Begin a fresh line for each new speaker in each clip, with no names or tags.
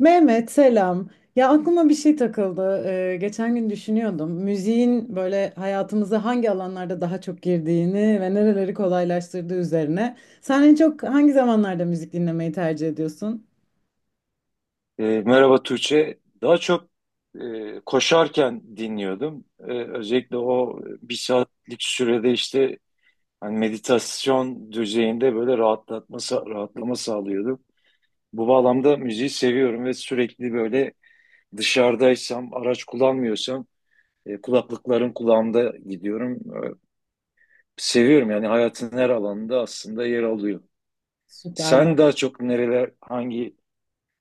Mehmet selam. Ya aklıma bir şey takıldı. Geçen gün düşünüyordum. Müziğin böyle hayatımıza hangi alanlarda daha çok girdiğini ve nereleri kolaylaştırdığı üzerine. Sen en çok hangi zamanlarda müzik dinlemeyi tercih ediyorsun?
Merhaba Tuğçe. Daha çok koşarken dinliyordum. Özellikle o bir saatlik sürede meditasyon düzeyinde böyle rahatlama sağlıyordu. Bu bağlamda müziği seviyorum ve sürekli böyle dışarıdaysam, araç kullanmıyorsam kulaklıkların kulağımda gidiyorum. Seviyorum yani hayatın her alanında aslında yer alıyor.
Süper.
Sen daha çok hangi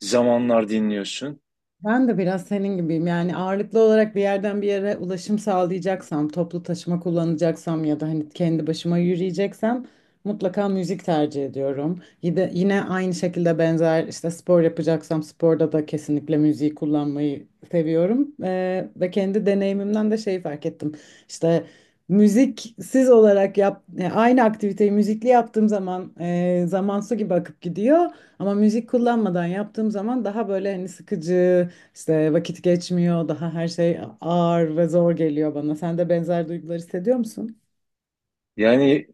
zamanlar dinliyorsun?
Ben de biraz senin gibiyim. Yani ağırlıklı olarak bir yerden bir yere ulaşım sağlayacaksam, toplu taşıma kullanacaksam ya da hani kendi başıma yürüyeceksem mutlaka müzik tercih ediyorum. Yine aynı şekilde benzer işte spor yapacaksam sporda da kesinlikle müziği kullanmayı seviyorum. Ve kendi deneyimimden de şeyi fark ettim. İşte yani aynı aktiviteyi müzikli yaptığım zaman zaman su gibi akıp gidiyor. Ama müzik kullanmadan yaptığım zaman daha böyle hani sıkıcı, işte vakit geçmiyor, daha her şey ağır ve zor geliyor bana. Sen de benzer duygular hissediyor musun?
Yani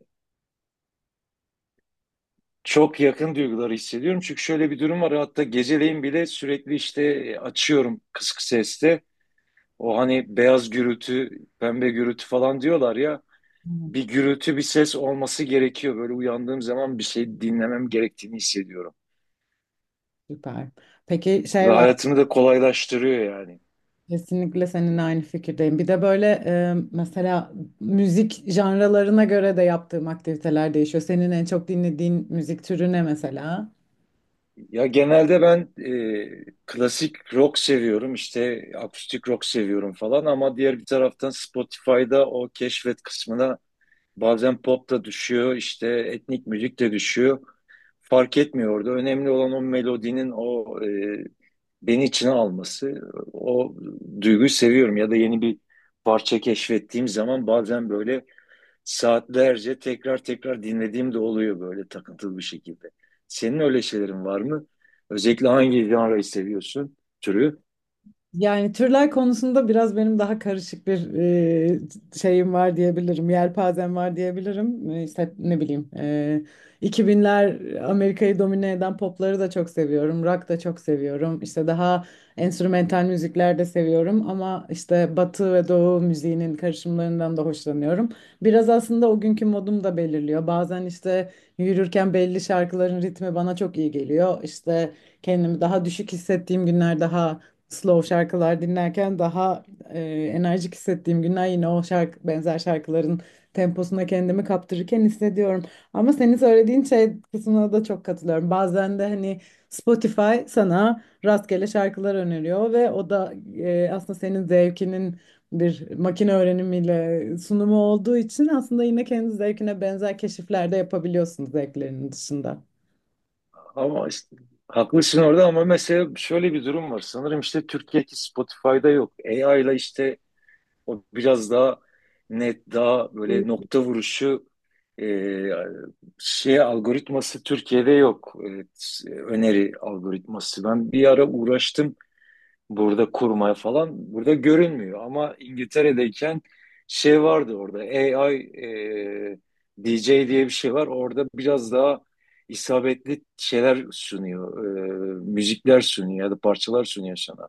çok yakın duyguları hissediyorum. Çünkü şöyle bir durum var. Hatta geceleyin bile sürekli açıyorum kısık seste. O hani beyaz gürültü, pembe gürültü falan diyorlar ya.
Hı.
Bir gürültü, bir ses olması gerekiyor. Böyle uyandığım zaman bir şey dinlemem gerektiğini hissediyorum.
Süper. Peki
Ve
şey var,
hayatımı da kolaylaştırıyor yani.
kesinlikle seninle aynı fikirdeyim. Bir de böyle mesela müzik janralarına göre de yaptığım aktiviteler değişiyor. Senin en çok dinlediğin müzik türü ne mesela?
Ya genelde ben klasik rock seviyorum, işte akustik rock seviyorum falan ama diğer bir taraftan Spotify'da o keşfet kısmına bazen pop da düşüyor, işte etnik müzik de düşüyor. Fark etmiyordu. Önemli olan o melodinin beni içine alması. O duyguyu seviyorum. Ya da yeni bir parça keşfettiğim zaman bazen böyle saatlerce tekrar tekrar dinlediğim de oluyor böyle takıntılı bir şekilde. Senin öyle şeylerin var mı? Özellikle hangi janrayı seviyorsun, türü?
Yani türler konusunda biraz benim daha karışık bir şeyim var diyebilirim. Yelpazem var diyebilirim. İşte ne bileyim. 2000'ler Amerika'yı domine eden popları da çok seviyorum. Rock da çok seviyorum. İşte daha enstrümental müzikler de seviyorum. Ama işte Batı ve Doğu müziğinin karışımlarından da hoşlanıyorum. Biraz aslında o günkü modum da belirliyor. Bazen işte yürürken belli şarkıların ritmi bana çok iyi geliyor. İşte kendimi daha düşük hissettiğim günler daha slow şarkılar dinlerken daha e, enerjik hissettiğim günler yine o benzer şarkıların temposuna kendimi kaptırırken hissediyorum. Ama senin söylediğin şey kısmına da çok katılıyorum. Bazen de hani Spotify sana rastgele şarkılar öneriyor ve o da aslında senin zevkinin bir makine öğrenimiyle sunumu olduğu için aslında yine kendi zevkine benzer keşifler de yapabiliyorsun zevklerinin dışında.
Ama işte, haklısın orada ama mesela şöyle bir durum var. Sanırım işte Türkiye'deki Spotify'da yok. AI ile işte o biraz daha net, daha böyle nokta vuruşu e, algoritması Türkiye'de yok. Evet, öneri algoritması. Ben bir ara uğraştım burada kurmaya falan. Burada görünmüyor ama İngiltere'deyken şey vardı orada. AI DJ diye bir şey var. Orada biraz daha isabetli şeyler sunuyor. Müzikler sunuyor ya da parçalar sunuyor sana.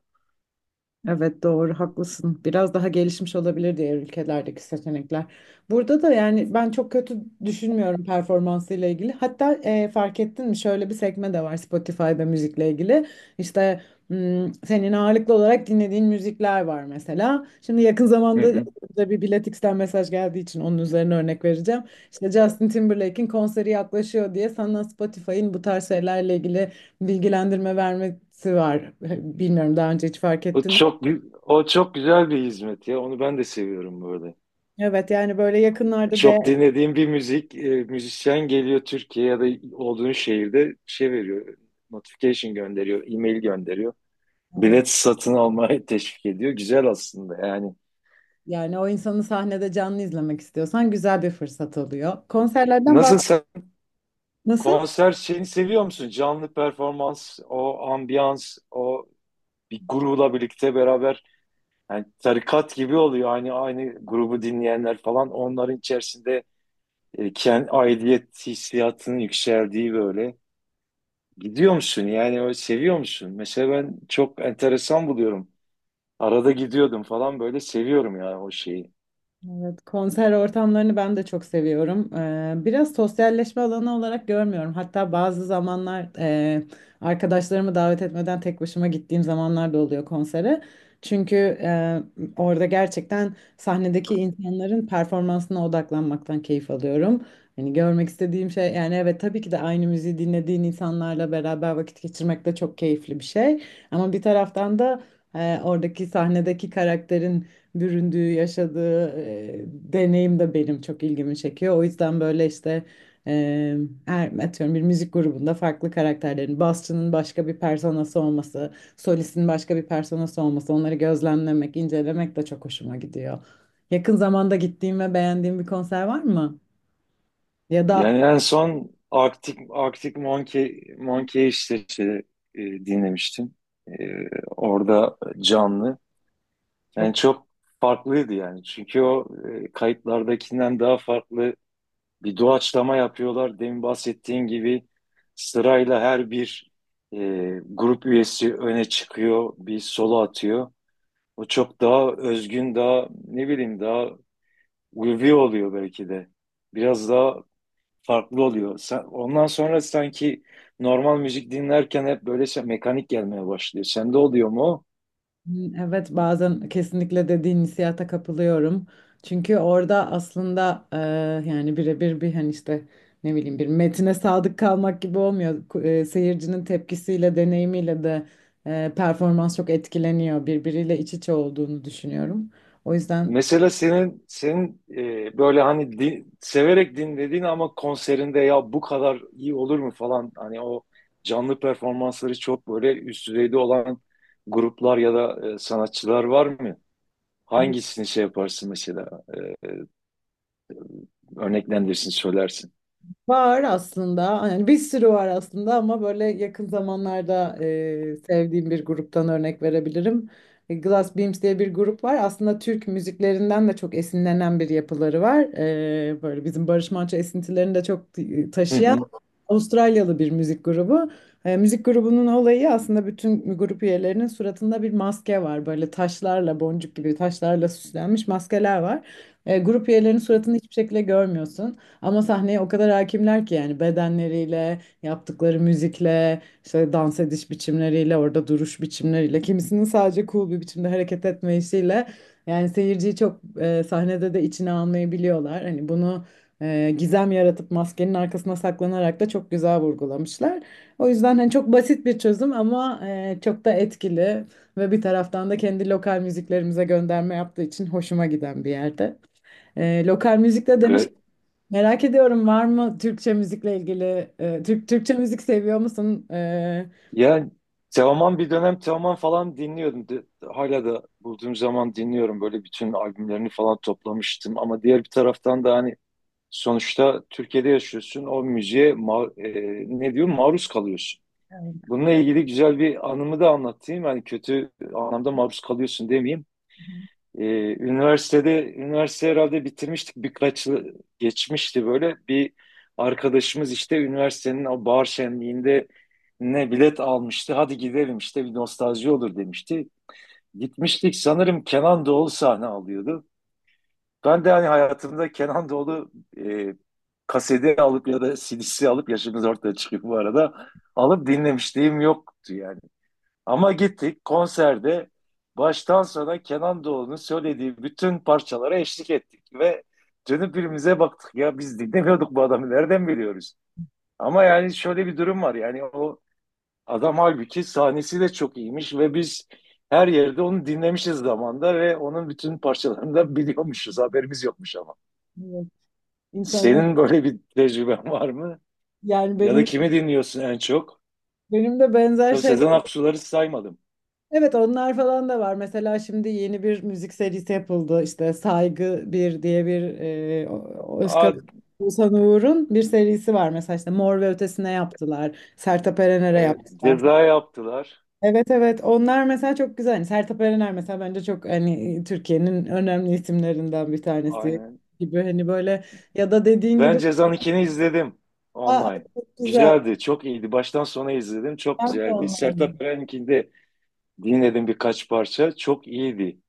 Evet doğru haklısın. Biraz daha gelişmiş olabilir diğer ülkelerdeki seçenekler. Burada da yani ben çok kötü düşünmüyorum performansıyla ilgili. Hatta fark ettin mi şöyle bir sekme de var Spotify'da müzikle ilgili. İşte senin ağırlıklı olarak dinlediğin müzikler var mesela. Şimdi yakın
Hı
zamanda
hı.
da bir Biletix'ten mesaj geldiği için onun üzerine örnek vereceğim. İşte Justin Timberlake'in konseri yaklaşıyor diye sana Spotify'ın bu tarz şeylerle ilgili bilgilendirme vermesi var. Bilmiyorum daha önce hiç fark
O
ettin mi?
çok gü- o çok güzel bir hizmet ya. Onu ben de seviyorum böyle.
Evet yani böyle yakınlarda da
Çok dinlediğim bir müzisyen geliyor Türkiye ya da olduğun şehirde şey veriyor. Notification gönderiyor, e-mail gönderiyor. Bilet satın almaya teşvik ediyor. Güzel aslında yani.
yani o insanı sahnede canlı izlemek istiyorsan güzel bir fırsat oluyor. Konserlerden bahs
Nasıl sen
Nasıl?
konser şeyini seviyor musun? Canlı performans, o ambiyans, o bir grupla birlikte beraber yani tarikat gibi oluyor. Aynı grubu dinleyenler falan onların içerisinde kendi aidiyet hissiyatının yükseldiği böyle. Gidiyor musun yani o seviyor musun? Mesela ben çok enteresan buluyorum. Arada gidiyordum falan böyle seviyorum ya o şeyi.
Evet, konser ortamlarını ben de çok seviyorum. Biraz sosyalleşme alanı olarak görmüyorum. Hatta bazı zamanlar arkadaşlarımı davet etmeden tek başıma gittiğim zamanlar da oluyor konsere. Çünkü e, orada gerçekten sahnedeki insanların performansına odaklanmaktan keyif alıyorum. Hani görmek istediğim şey yani evet tabii ki de aynı müziği dinlediğin insanlarla beraber vakit geçirmek de çok keyifli bir şey. Ama bir taraftan da oradaki sahnedeki karakterin büründüğü, yaşadığı deneyim de benim çok ilgimi çekiyor. O yüzden böyle işte e, her, atıyorum bir müzik grubunda farklı karakterlerin, basçının başka bir personası olması, solistin başka bir personası olması, onları gözlemlemek, incelemek de çok hoşuma gidiyor. Yakın zamanda gittiğim ve beğendiğim bir konser var mı? Ya da
Yani en son Arctic Monkey dinlemiştim. E, Orada canlı. Yani
çok
çok farklıydı yani. Çünkü kayıtlardakinden daha farklı bir doğaçlama yapıyorlar. Demin bahsettiğin gibi sırayla e, grup üyesi öne çıkıyor, bir solo atıyor. O çok daha özgün, daha ne bileyim daha ulvi oluyor belki de. Biraz daha farklı oluyor. Ondan sonra sanki normal müzik dinlerken hep böyle mekanik gelmeye başlıyor. Sende oluyor mu?
Evet bazen kesinlikle dediğin hissiyata kapılıyorum. Çünkü orada aslında yani birebir bir hani işte ne bileyim bir metine sadık kalmak gibi olmuyor. Seyircinin tepkisiyle, deneyimiyle de performans çok etkileniyor. Birbiriyle iç içe olduğunu düşünüyorum. O yüzden
Mesela senin böyle severek dinlediğin ama konserinde ya bu kadar iyi olur mu falan hani o canlı performansları çok böyle üst düzeyde olan gruplar ya da sanatçılar var mı? Hangisini şey yaparsın mesela? Örneklendirsin, söylersin.
Var aslında. Yani bir sürü var aslında ama böyle yakın zamanlarda sevdiğim bir gruptan örnek verebilirim. Glass Beams diye bir grup var. Aslında Türk müziklerinden de çok esinlenen bir yapıları var. Böyle bizim Barış Manço esintilerini de çok
Hı
taşıyan
hı.
Avustralyalı bir müzik grubu. Müzik grubunun olayı aslında bütün grup üyelerinin suratında bir maske var. Böyle taşlarla, boncuk gibi taşlarla süslenmiş maskeler var. Grup üyelerinin suratını hiçbir şekilde görmüyorsun. Ama sahneye o kadar hakimler ki yani bedenleriyle, yaptıkları müzikle, işte dans ediş biçimleriyle, orada duruş biçimleriyle, kimisinin sadece cool bir biçimde hareket etmesiyle yani seyirciyi çok sahnede de içine almayı biliyorlar. Hani bunu gizem yaratıp maskenin arkasına saklanarak da çok güzel vurgulamışlar. O yüzden hani çok basit bir çözüm ama çok da etkili ve bir taraftan da kendi lokal müziklerimize gönderme yaptığı için hoşuma giden bir yerde. Lokal müzikte demiş.
Ga-
Merak ediyorum var mı Türkçe müzikle ilgili Türkçe müzik seviyor musun?
Yani Teoman bir dönem Teoman falan dinliyordum. Hala da bulduğum zaman dinliyorum. Böyle bütün albümlerini falan toplamıştım. Ama diğer bir taraftan da hani sonuçta Türkiye'de yaşıyorsun, o müziğe ne diyor maruz kalıyorsun.
Evet.
Bununla ilgili güzel bir anımı da anlatayım. Yani kötü anlamda maruz kalıyorsun demeyeyim. E, üniversitede, üniversite herhalde bitirmiştik birkaç yıl geçmişti böyle. Bir arkadaşımız işte üniversitenin o bahar şenliğinde ne bilet almıştı. Hadi gidelim işte bir nostalji olur demişti. Gitmiştik sanırım Kenan Doğulu sahne alıyordu. Ben de hani hayatımda Kenan Doğulu e, kaseti alıp ya da CD'si alıp yaşımız ortaya çıkıyor bu arada. Alıp dinlemişliğim yoktu yani. Ama gittik konserde baştan sona Kenan Doğulu'nun söylediği bütün parçalara eşlik ettik ve dönüp birbirimize baktık ya biz dinlemiyorduk bu adamı nereden biliyoruz? Ama yani şöyle bir durum var yani o adam halbuki sahnesi de çok iyiymiş ve biz her yerde onu dinlemişiz zamanda ve onun bütün parçalarını da biliyormuşuz haberimiz yokmuş ama.
Evet, insana
Senin böyle bir tecrüben var mı?
yani
Ya da kimi dinliyorsun en çok?
benim de benzer
Tabii
şeyler.
Sezen Aksu'ları saymadım.
Evet onlar falan da var. Mesela şimdi yeni bir müzik serisi yapıldı. İşte Saygı bir diye bir
Aa,
Oğuzhan Uğur'un bir serisi var. Mesela işte Mor ve Ötesi'ne yaptılar. Sertab Erener'e
evet,
yaptılar.
Ceza yaptılar.
Evet evet onlar mesela çok güzel. Hani Sertab Erener mesela bence çok hani Türkiye'nin önemli isimlerinden bir tanesi
Aynen.
gibi hani böyle ya da dediğin
Ben
gibi.
Ceza'nın ikini izledim
Aa,
online.
çok güzel.
Güzeldi, çok iyiydi. Baştan sona izledim, çok
Ben de
güzeldi.
onlarla
Sertab Erenkini de dinledim birkaç parça. Çok iyiydi.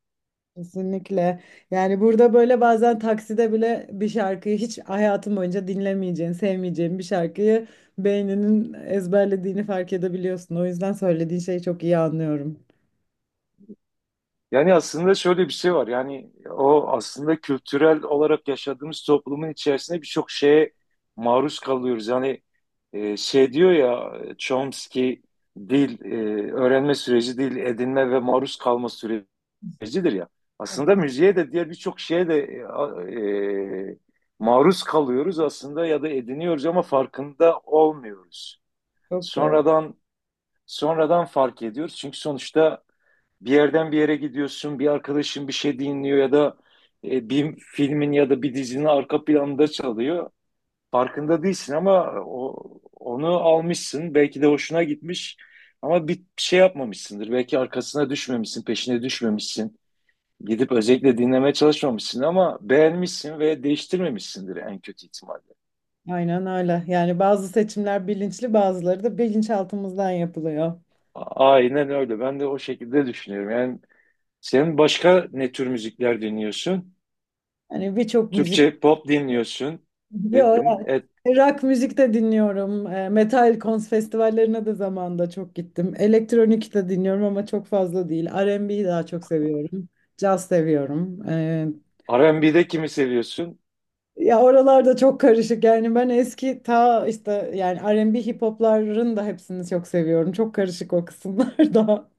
kesinlikle. Yani burada böyle bazen takside bile bir şarkıyı hiç hayatım boyunca dinlemeyeceğin, sevmeyeceğin bir şarkıyı beyninin ezberlediğini fark edebiliyorsun. O yüzden söylediğin şeyi çok iyi anlıyorum.
Yani aslında şöyle bir şey var. Yani o aslında kültürel olarak yaşadığımız toplumun içerisinde birçok şeye maruz kalıyoruz. Yani e, şey diyor ya Chomsky dil öğrenme süreci değil edinme ve maruz kalma sürecidir ya.
Çok
Aslında müziğe de diğer birçok şeye de maruz kalıyoruz aslında ya da ediniyoruz ama farkında olmuyoruz.
çok doğru.
Sonradan sonradan fark ediyoruz. Çünkü sonuçta bir yerden bir yere gidiyorsun, bir arkadaşın bir şey dinliyor ya da bir filmin ya da bir dizinin arka planında çalıyor. Farkında değilsin ama onu almışsın. Belki de hoşuna gitmiş ama bir şey yapmamışsındır. Belki arkasına düşmemişsin, peşine düşmemişsin. Gidip özellikle dinlemeye çalışmamışsın ama beğenmişsin ve değiştirmemişsindir en kötü ihtimalle.
Aynen öyle. Yani bazı seçimler bilinçli, bazıları da bilinçaltımızdan yapılıyor.
Aynen öyle. Ben de o şekilde düşünüyorum. Yani sen başka ne tür müzikler dinliyorsun?
Hani birçok müzik
Türkçe pop dinliyorsun
Yo,
dedin.
yani rock müzik de dinliyorum. Metal kons festivallerine de zamanında çok gittim. Elektronik de dinliyorum ama çok fazla değil. R&B'yi daha çok seviyorum. Caz seviyorum.
R&B'de kimi seviyorsun?
Ya oralarda çok karışık. Yani ben eski ta işte yani R&B hip hopların da hepsini çok seviyorum. Çok karışık o kısımlar daha.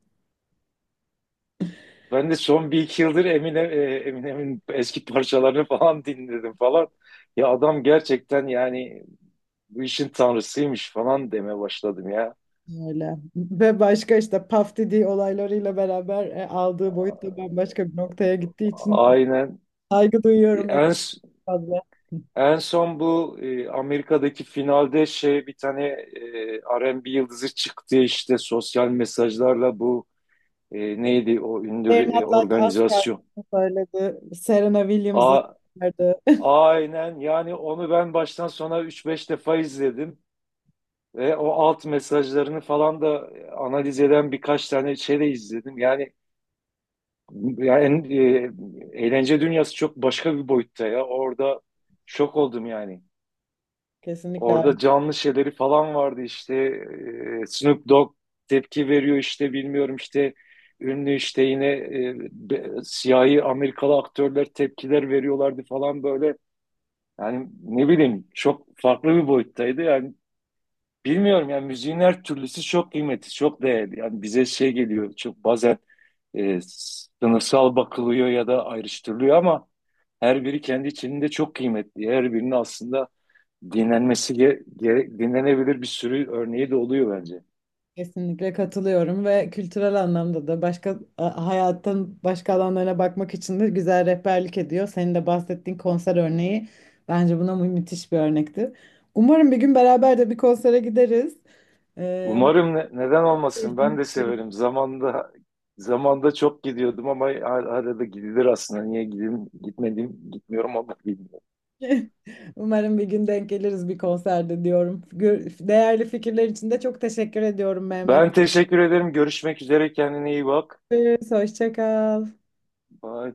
Ben de son bir iki yıldır Eminem'in eski parçalarını falan dinledim falan. Ya adam gerçekten yani bu işin tanrısıymış falan deme başladım ya.
Öyle. Ve başka işte Puff Daddy olaylarıyla beraber aldığı boyut da bambaşka bir noktaya gittiği için
Aynen.
saygı duyuyorum en
En,
fazla.
En son bu Amerika'daki finalde R&B yıldızı çıktı işte sosyal mesajlarla neydi o ünlü
Bernard Lac
organizasyon.
söyledi. Serena Williams'ı
A,
çıkardı.
Aynen yani onu ben baştan sona üç beş defa izledim ve o alt mesajlarını falan da analiz eden birkaç tane şey de izledim. Yani, eğlence dünyası çok başka bir boyutta ya. Orada şok oldum yani.
Kesinlikle öyle.
Orada canlı şeyleri falan vardı işte Snoop Dogg tepki veriyor işte bilmiyorum işte ünlü işte yine siyahi Amerikalı aktörler tepkiler veriyorlardı falan böyle. Yani ne bileyim çok farklı bir boyuttaydı. Yani bilmiyorum yani müziğin her türlüsü çok kıymetli, çok değerli. Yani bize şey geliyor çok bazen e, sınıfsal bakılıyor ya da ayrıştırılıyor ama her biri kendi içinde çok kıymetli. Her birinin aslında dinlenebilir bir sürü örneği de oluyor bence.
Kesinlikle katılıyorum ve kültürel anlamda da başka hayatın başka alanlarına bakmak için de güzel rehberlik ediyor. Senin de bahsettiğin konser örneği bence buna müthiş bir örnekti. Umarım bir gün beraber de bir konsere gideriz. Ama
Umarım neden olmasın ben de severim. Zamanda çok gidiyordum ama arada gidilir aslında. Gitmiyorum ama bilmiyorum.
umarım bir gün denk geliriz bir konserde diyorum. Değerli fikirler için de çok teşekkür ediyorum Mehmet.
Ben teşekkür ederim. Görüşmek üzere. Kendine iyi bak.
Görüşürüz, hoşça kal.
Bye.